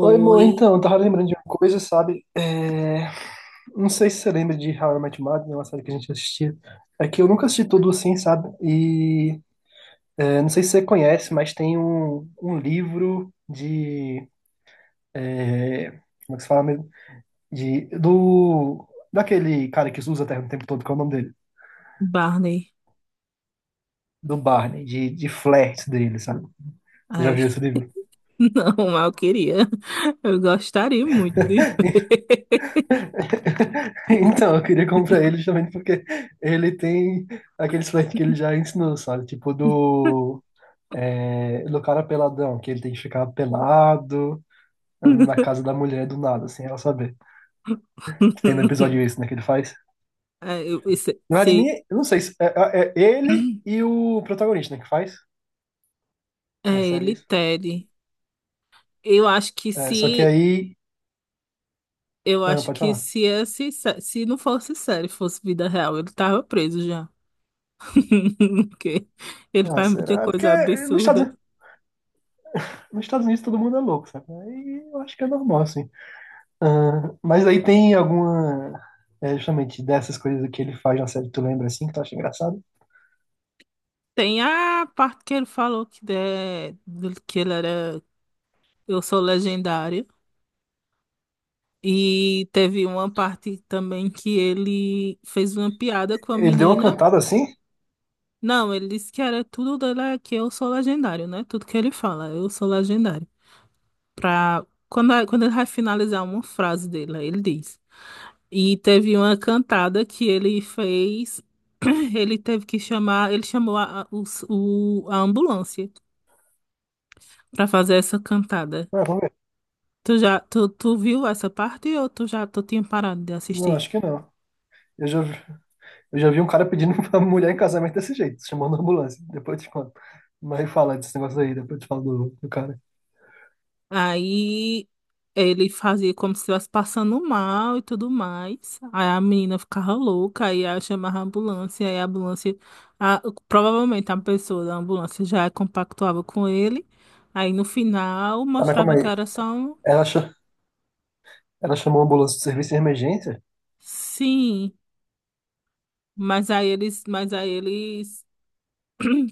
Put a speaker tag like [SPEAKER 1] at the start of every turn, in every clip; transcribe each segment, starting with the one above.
[SPEAKER 1] Oi, amor, então, eu tava lembrando de uma coisa, sabe? Não sei se você lembra de How I Met Your Mother, né, uma série que a gente assistia. É que eu nunca assisti tudo assim, sabe? Não sei se você conhece, mas tem um livro de. é, Como é que se fala mesmo? De, do, Daquele cara que usa a terra o tempo todo, que é o nome dele?
[SPEAKER 2] Barney.
[SPEAKER 1] Do Barney, de flertes dele, sabe? Você já
[SPEAKER 2] Ai,
[SPEAKER 1] viu esse livro?
[SPEAKER 2] não, mas eu queria. Eu gostaria muito de ver.
[SPEAKER 1] Então, eu queria comprar ele justamente porque ele tem aqueles flertes que ele já ensinou, sabe? Tipo do cara peladão, que ele tem que ficar pelado na casa da mulher do nada, sem ela saber. Que tem no episódio isso, né? Que ele faz.
[SPEAKER 2] É,
[SPEAKER 1] Na verdade, nem, eu não sei se é ele e o protagonista, né? Que faz
[SPEAKER 2] é
[SPEAKER 1] na série
[SPEAKER 2] ele,
[SPEAKER 1] isso.
[SPEAKER 2] Ted. Eu acho que
[SPEAKER 1] É, só que
[SPEAKER 2] se.
[SPEAKER 1] aí.
[SPEAKER 2] Eu
[SPEAKER 1] Não,
[SPEAKER 2] acho
[SPEAKER 1] pode
[SPEAKER 2] que
[SPEAKER 1] falar.
[SPEAKER 2] se, esse, sé- se não fosse série, fosse vida real, ele tava preso já. Porque ele
[SPEAKER 1] Ah,
[SPEAKER 2] faz muita
[SPEAKER 1] será? Porque
[SPEAKER 2] coisa
[SPEAKER 1] nos
[SPEAKER 2] absurda.
[SPEAKER 1] Estados, nos Estados Unidos todo mundo é louco, sabe? Aí eu acho que é normal, assim. Ah, mas aí tem alguma. É justamente dessas coisas que ele faz na série, tu lembra assim, que tu acha engraçado?
[SPEAKER 2] Tem a parte que ele falou que ele era. Eu sou legendário. E teve uma parte também que ele fez uma piada com a
[SPEAKER 1] Ele deu uma
[SPEAKER 2] menina.
[SPEAKER 1] cantada assim?
[SPEAKER 2] Não, ele disse que era tudo dela, é que eu sou legendário, né? Tudo que ele fala, eu sou legendário. Quando ele vai finalizar uma frase dele, aí ele diz. E teve uma cantada que ele fez, ele teve que chamar, ele chamou a ambulância pra fazer essa cantada.
[SPEAKER 1] Ah, vamos ver.
[SPEAKER 2] Tu viu essa parte ou tu tinha parado de
[SPEAKER 1] Não,
[SPEAKER 2] assistir?
[SPEAKER 1] acho que não. Eu já, vi- eu já vi um cara pedindo pra mulher em casamento desse jeito, chamando a ambulância. Depois eu te conto. Mas fala desse negócio aí, depois eu te falo do cara.
[SPEAKER 2] Aí ele fazia como se estivesse passando mal e tudo mais. Aí a menina ficava louca, aí ela chamava a ambulância, aí a ambulância, a- provavelmente a pessoa da ambulância já compactuava com ele. Aí no final
[SPEAKER 1] Tá, mas calma
[SPEAKER 2] mostrava que
[SPEAKER 1] aí.
[SPEAKER 2] era só um
[SPEAKER 1] Ela, cha- Ela chamou a ambulância do serviço de emergência?
[SPEAKER 2] sim, mas aí eles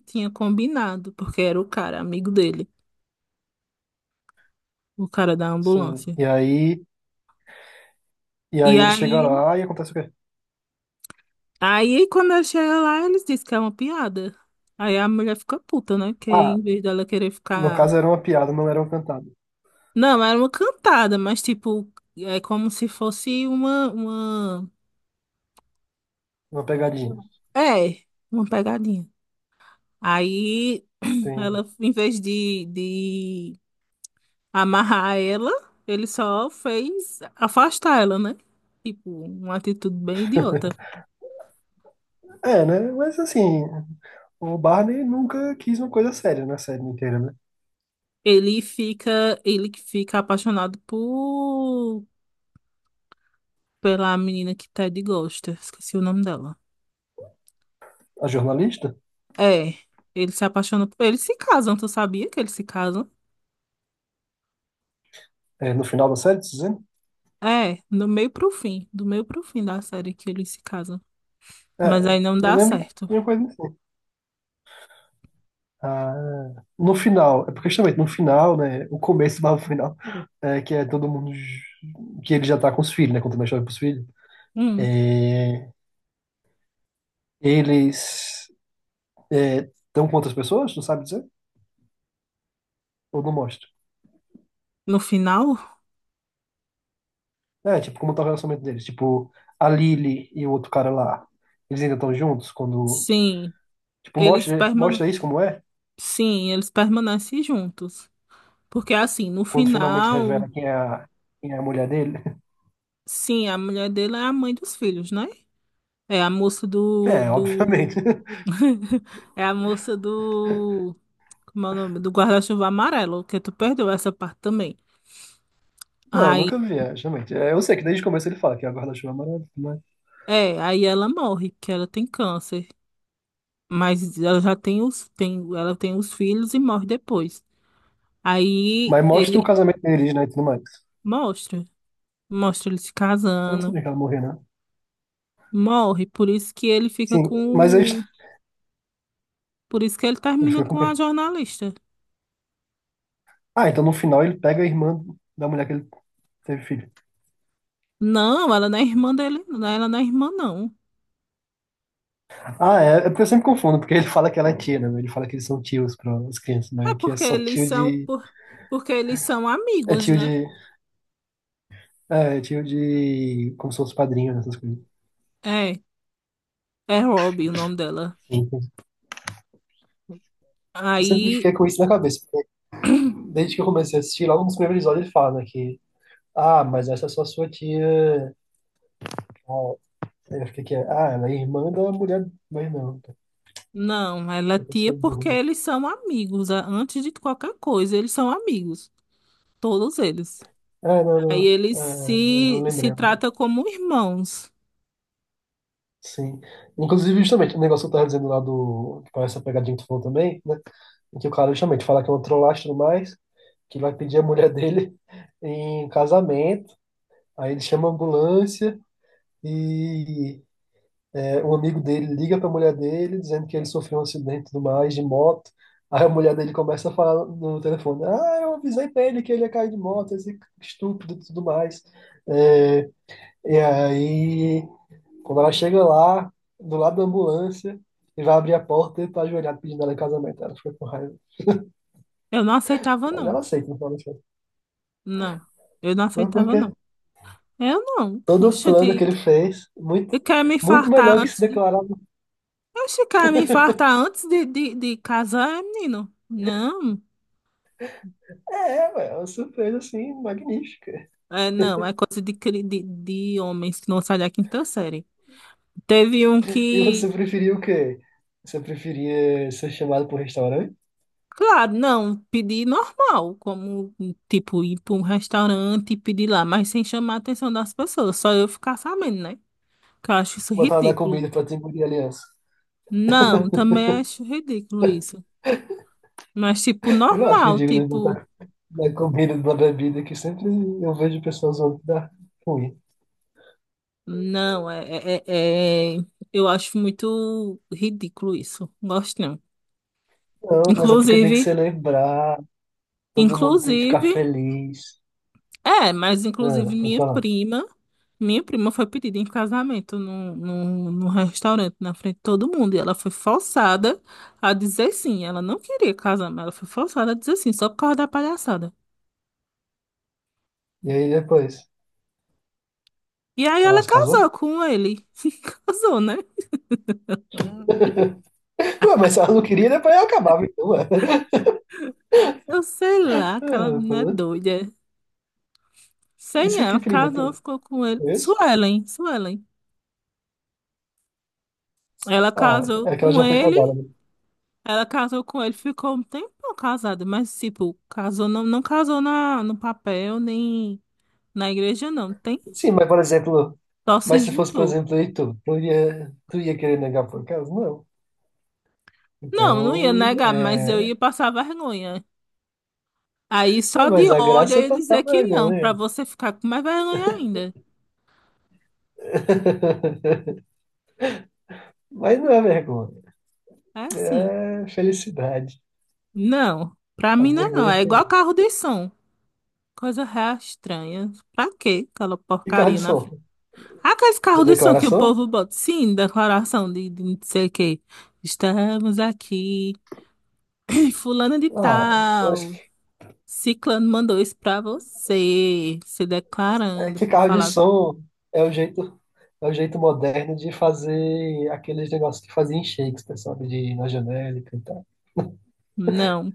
[SPEAKER 2] tinha combinado, porque era o cara, amigo dele, o cara da
[SPEAKER 1] Sim.
[SPEAKER 2] ambulância.
[SPEAKER 1] E
[SPEAKER 2] E
[SPEAKER 1] aí ele chega
[SPEAKER 2] aí
[SPEAKER 1] lá e acontece o quê?
[SPEAKER 2] Aí, quando eu cheguei lá, eles disseram que é uma piada. Aí a mulher fica puta, né? Que
[SPEAKER 1] Ah,
[SPEAKER 2] em vez dela querer
[SPEAKER 1] no
[SPEAKER 2] ficar.
[SPEAKER 1] caso era uma piada, não era uma cantada.
[SPEAKER 2] Não, era uma cantada, mas tipo, é como se fosse uma.
[SPEAKER 1] Uma pegadinha.
[SPEAKER 2] É, uma pegadinha. Aí
[SPEAKER 1] Entendi.
[SPEAKER 2] ela, em vez de amarrar ela, ele só fez afastar ela, né? Tipo, uma atitude bem idiota.
[SPEAKER 1] É, né? Mas assim, o Barney nunca quis uma coisa séria na série inteira, né?
[SPEAKER 2] Ele que fica apaixonado por pela menina que Ted gosta. Esqueci o nome dela.
[SPEAKER 1] A jornalista,
[SPEAKER 2] É, eles se casam, tu sabia que eles se casam?
[SPEAKER 1] é, no final da série, tá dizendo?
[SPEAKER 2] É, do meio pro fim da série que eles se casam. Mas aí
[SPEAKER 1] É,
[SPEAKER 2] não
[SPEAKER 1] eu
[SPEAKER 2] dá
[SPEAKER 1] lembro
[SPEAKER 2] certo.
[SPEAKER 1] de uma coisa assim. Ah, no final, é porque justamente no final, né? O começo barra o final, é, que é todo mundo. Que ele já tá com os filhos, né? Contando a história pros filhos.
[SPEAKER 2] Hum,
[SPEAKER 1] É, eles estão com outras pessoas, não sabe dizer? Ou não mostra?
[SPEAKER 2] no final,
[SPEAKER 1] É, tipo, como tá o relacionamento deles? Tipo, a Lily e o outro cara lá, eles ainda estão juntos quando
[SPEAKER 2] sim,
[SPEAKER 1] tipo,
[SPEAKER 2] eles
[SPEAKER 1] mostra,
[SPEAKER 2] permane
[SPEAKER 1] mostra isso como é,
[SPEAKER 2] sim, eles permanecem juntos. Porque assim, no
[SPEAKER 1] quando finalmente revela
[SPEAKER 2] final,
[SPEAKER 1] quem é quem é a mulher dele.
[SPEAKER 2] sim, a mulher dele é a mãe dos filhos, né? É a moça do,
[SPEAKER 1] É, obviamente.
[SPEAKER 2] do... É a moça do Como é o nome? Do guarda-chuva amarelo, que tu perdeu essa parte também.
[SPEAKER 1] Não, eu
[SPEAKER 2] Aí,
[SPEAKER 1] nunca vi, é, justamente. É, eu sei que desde o começo ele fala que a guarda-chuva é maravilhosa,
[SPEAKER 2] aí ela morre, que ela tem câncer. Mas ela já tem os filhos e morre depois. Aí
[SPEAKER 1] mas mostra o
[SPEAKER 2] ele
[SPEAKER 1] casamento deles, né, e tudo mais.
[SPEAKER 2] mostra, mostra ele se
[SPEAKER 1] Eu não
[SPEAKER 2] casando,
[SPEAKER 1] sabia que ela morreu, né?
[SPEAKER 2] morre, por isso que ele fica
[SPEAKER 1] Sim, mas aí
[SPEAKER 2] com, por isso que ele
[SPEAKER 1] ele
[SPEAKER 2] termina
[SPEAKER 1] fica com
[SPEAKER 2] com a
[SPEAKER 1] quem?
[SPEAKER 2] jornalista.
[SPEAKER 1] Ah, então no final ele pega a irmã da mulher que ele teve filho.
[SPEAKER 2] Não, ela não é irmã dele, não, ela não é irmã não.
[SPEAKER 1] Ah, é porque eu sempre confundo, porque ele fala que ela é tia, né? Ele fala que eles são tios para as crianças, mas
[SPEAKER 2] É
[SPEAKER 1] aqui é
[SPEAKER 2] porque
[SPEAKER 1] só
[SPEAKER 2] eles são, por, porque eles são amigos,
[SPEAKER 1] Tio
[SPEAKER 2] né?
[SPEAKER 1] de... É, é tio de... Como se fosse padrinho, né, essas coisas.
[SPEAKER 2] É, é Robbie o nome dela.
[SPEAKER 1] Sim. Eu sempre
[SPEAKER 2] Aí,
[SPEAKER 1] fiquei com isso na cabeça, porque desde que eu comecei a assistir, logo nos primeiros episódios ele fala, né, que, ah, mas essa é só sua tia. Ah, aí eu fiquei que, ah, ela é irmã da mulher. Mas não,
[SPEAKER 2] não, ela é
[SPEAKER 1] eu
[SPEAKER 2] tia
[SPEAKER 1] sou burro,
[SPEAKER 2] porque
[SPEAKER 1] né?
[SPEAKER 2] eles são amigos, antes de qualquer coisa, eles são amigos, todos eles.
[SPEAKER 1] Ah, não,
[SPEAKER 2] Aí
[SPEAKER 1] não.
[SPEAKER 2] eles
[SPEAKER 1] Ah, eu
[SPEAKER 2] se,
[SPEAKER 1] lembrei,
[SPEAKER 2] se
[SPEAKER 1] eu lembrei.
[SPEAKER 2] tratam como irmãos.
[SPEAKER 1] Sim. Inclusive, justamente, o negócio que eu tava dizendo lá do. Que parece a pegadinha que tu falou também, né? Em que o cara justamente fala que é um trollagem e tudo mais, que vai pedir a mulher dele em casamento, aí ele chama a ambulância e é, um amigo dele liga para a mulher dele dizendo que ele sofreu um acidente e tudo mais de moto. Aí a mulher dele começa a falar no telefone: Ah, eu avisei para ele que ele ia cair de moto, esse estúpido e tudo mais. É, e aí, quando ela chega lá, do lado da ambulância, e vai abrir a porta e tá ajoelhado pedindo ela em casamento. Ela fica com raiva.
[SPEAKER 2] Eu não aceitava,
[SPEAKER 1] Mas
[SPEAKER 2] não.
[SPEAKER 1] ela aceita, não fala assim.
[SPEAKER 2] Não, eu não
[SPEAKER 1] Mas
[SPEAKER 2] aceitava,
[SPEAKER 1] porque
[SPEAKER 2] não. Eu não.
[SPEAKER 1] todo o plano que
[SPEAKER 2] Oxente,
[SPEAKER 1] ele fez, muito,
[SPEAKER 2] eu quero me
[SPEAKER 1] muito
[SPEAKER 2] infartar
[SPEAKER 1] melhor que se
[SPEAKER 2] antes.
[SPEAKER 1] declarar.
[SPEAKER 2] Oxe, quer me infartar antes de casar, é, menino? Não,
[SPEAKER 1] É, ué, é uma surpresa assim, magnífica.
[SPEAKER 2] é, não, é coisa de homens que não saem da quinta série. Teve um
[SPEAKER 1] E
[SPEAKER 2] que.
[SPEAKER 1] você preferia o quê? Você preferia ser chamado para um restaurante?
[SPEAKER 2] Claro, não, pedir normal, como tipo ir para um restaurante e pedir lá, mas sem chamar a atenção das pessoas, só eu ficar sabendo, né? Que eu acho isso
[SPEAKER 1] Botar na
[SPEAKER 2] ridículo.
[SPEAKER 1] comida para te engolir a aliança?
[SPEAKER 2] Não, também acho ridículo isso. Mas tipo,
[SPEAKER 1] Eu acho
[SPEAKER 2] normal,
[SPEAKER 1] ridículo
[SPEAKER 2] tipo,
[SPEAKER 1] botar na comida, na bebida, que sempre eu vejo pessoas usando que dá ruim.
[SPEAKER 2] não, eu acho muito ridículo isso. Gosto não.
[SPEAKER 1] Não, mas é porque tem que
[SPEAKER 2] Inclusive,
[SPEAKER 1] celebrar, todo mundo tem que
[SPEAKER 2] inclusive.
[SPEAKER 1] ficar feliz.
[SPEAKER 2] É, mas inclusive
[SPEAKER 1] Ah, foi
[SPEAKER 2] minha
[SPEAKER 1] pra lá.
[SPEAKER 2] prima, minha prima foi pedida em casamento num restaurante na frente de todo mundo. E ela foi forçada a dizer sim. Ela não queria casar, mas ela foi forçada a dizer sim, só por causa da palhaçada.
[SPEAKER 1] E aí depois,
[SPEAKER 2] E aí
[SPEAKER 1] ela
[SPEAKER 2] ela
[SPEAKER 1] se
[SPEAKER 2] casou
[SPEAKER 1] casou?
[SPEAKER 2] com ele. Casou, né? Ai.
[SPEAKER 1] Pô, mas se ela não queria, depois ela acabava, então, ué.
[SPEAKER 2] Eu sei lá, aquela
[SPEAKER 1] Ah,
[SPEAKER 2] menina é
[SPEAKER 1] pô,
[SPEAKER 2] doida. Sei não,
[SPEAKER 1] isso aqui,
[SPEAKER 2] ela
[SPEAKER 1] prima,
[SPEAKER 2] casou,
[SPEAKER 1] tu
[SPEAKER 2] ficou com ele.
[SPEAKER 1] conhece?
[SPEAKER 2] Suelen, Suelen. Ela
[SPEAKER 1] Ah,
[SPEAKER 2] casou
[SPEAKER 1] é que ela
[SPEAKER 2] com
[SPEAKER 1] já foi
[SPEAKER 2] ele
[SPEAKER 1] casada, né?
[SPEAKER 2] Ela casou com ele, ficou um tempão casada, mas, tipo, casou, não, não casou no papel, nem na igreja, não. Tem?
[SPEAKER 1] Sim, mas por exemplo,
[SPEAKER 2] Só se
[SPEAKER 1] mas se fosse, por
[SPEAKER 2] juntou.
[SPEAKER 1] exemplo, aí tu ia querer negar por acaso? Não.
[SPEAKER 2] Não, não ia
[SPEAKER 1] Então,
[SPEAKER 2] negar, mas eu
[SPEAKER 1] é...
[SPEAKER 2] ia passar vergonha. Aí
[SPEAKER 1] ah,
[SPEAKER 2] só de
[SPEAKER 1] mas a
[SPEAKER 2] ódio
[SPEAKER 1] graça
[SPEAKER 2] eu
[SPEAKER 1] é
[SPEAKER 2] ia dizer
[SPEAKER 1] passar
[SPEAKER 2] que não, pra
[SPEAKER 1] vergonha.
[SPEAKER 2] você ficar com mais vergonha ainda.
[SPEAKER 1] Mas não é vergonha,
[SPEAKER 2] É assim.
[SPEAKER 1] é felicidade.
[SPEAKER 2] Não, pra
[SPEAKER 1] A
[SPEAKER 2] mim não é não.
[SPEAKER 1] vergonha
[SPEAKER 2] É
[SPEAKER 1] é
[SPEAKER 2] igual
[SPEAKER 1] feliz.
[SPEAKER 2] carro de som. Coisa real estranha. Pra quê aquela
[SPEAKER 1] E carro
[SPEAKER 2] porcaria
[SPEAKER 1] de
[SPEAKER 2] na frente?
[SPEAKER 1] som?
[SPEAKER 2] Aqueles
[SPEAKER 1] De
[SPEAKER 2] carros de som que o
[SPEAKER 1] declaração?
[SPEAKER 2] povo bota, sim, declaração de não sei o quê. Estamos aqui. Fulano de
[SPEAKER 1] Ah, eu acho
[SPEAKER 2] tal,
[SPEAKER 1] que,
[SPEAKER 2] Ciclano mandou isso pra você, se
[SPEAKER 1] é
[SPEAKER 2] declarando
[SPEAKER 1] que
[SPEAKER 2] pra
[SPEAKER 1] carro de
[SPEAKER 2] falar.
[SPEAKER 1] som é o jeito, é o jeito moderno de fazer aqueles negócios que fazia em Shakespeare, sabe? De ir na janela e cantar.
[SPEAKER 2] Não,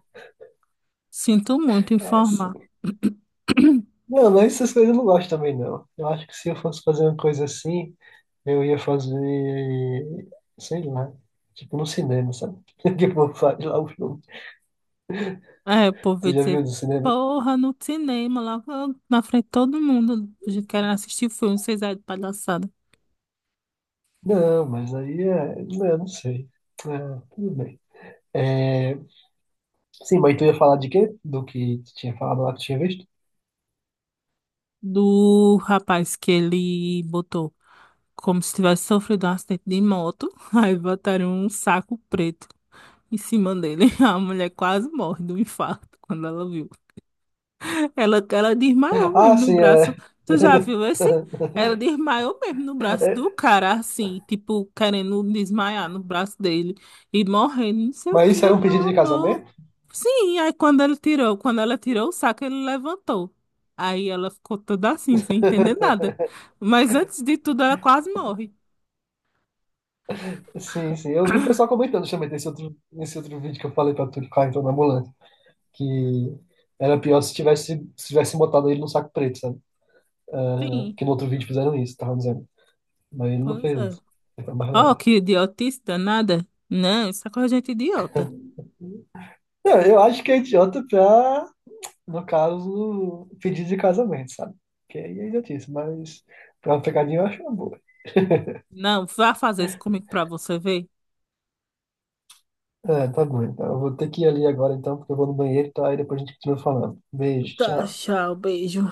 [SPEAKER 2] sinto muito
[SPEAKER 1] É,
[SPEAKER 2] informar.
[SPEAKER 1] não, mas essas coisas eu não gosto também, não. Eu acho que se eu fosse fazer uma coisa assim, eu ia fazer, sei lá, tipo no cinema, sabe? Tipo, faz lá o filme.
[SPEAKER 2] É, o povo
[SPEAKER 1] Você
[SPEAKER 2] ia
[SPEAKER 1] já viu
[SPEAKER 2] dizer,
[SPEAKER 1] no cinema?
[SPEAKER 2] porra, no cinema, lá na frente de todo mundo, a gente querendo assistir o filme, vocês aí de palhaçada.
[SPEAKER 1] Não, mas aí é. Não, não sei. Ah, tudo bem. É, sim, mas tu ia falar de quê? Do que tu tinha falado lá que tu tinha visto?
[SPEAKER 2] Do rapaz que ele botou, como se tivesse sofrido um acidente de moto, aí botaram um saco preto em cima dele. A mulher quase morre do infarto quando ela viu. Ela desmaiou mesmo
[SPEAKER 1] Ah,
[SPEAKER 2] no
[SPEAKER 1] sim,
[SPEAKER 2] braço.
[SPEAKER 1] é.
[SPEAKER 2] Tu já viu esse? Ela desmaiou mesmo no braço do
[SPEAKER 1] É,
[SPEAKER 2] cara, assim, tipo, querendo desmaiar no braço dele e morrendo, não sei o
[SPEAKER 1] mas
[SPEAKER 2] que,
[SPEAKER 1] isso era um
[SPEAKER 2] meu
[SPEAKER 1] pedido de
[SPEAKER 2] amor.
[SPEAKER 1] casamento?
[SPEAKER 2] Sim, aí quando ele tirou, quando ela tirou o saco, ele levantou. Aí ela ficou toda assim, sem entender nada. Mas antes de tudo, ela quase morre.
[SPEAKER 1] Sim, sim. Eu vi o pessoal comentando justamente nesse outro vídeo que eu falei pra tu que o na ambulância. Que era pior se tivesse, se tivesse botado ele no saco preto, sabe? Ah,
[SPEAKER 2] Sim,
[SPEAKER 1] que no outro vídeo fizeram isso, tava dizendo. Mas ele não
[SPEAKER 2] pois
[SPEAKER 1] fez
[SPEAKER 2] é.
[SPEAKER 1] isso. Ele foi mais
[SPEAKER 2] Oh,
[SPEAKER 1] leve.
[SPEAKER 2] que idiotice danada. Não, isso é coisa de gente idiota.
[SPEAKER 1] Não, eu acho que é idiota pra, no caso, pedir de casamento, sabe? Que aí é idiotice, mas pra uma pegadinha eu acho uma boa.
[SPEAKER 2] Não, vá fazer isso comigo pra você ver.
[SPEAKER 1] É, tá bom. Então eu vou ter que ir ali agora, então, porque eu vou no banheiro, tá? Aí depois a gente continua falando. Beijo,
[SPEAKER 2] Tá,
[SPEAKER 1] tchau.
[SPEAKER 2] tchau, beijo.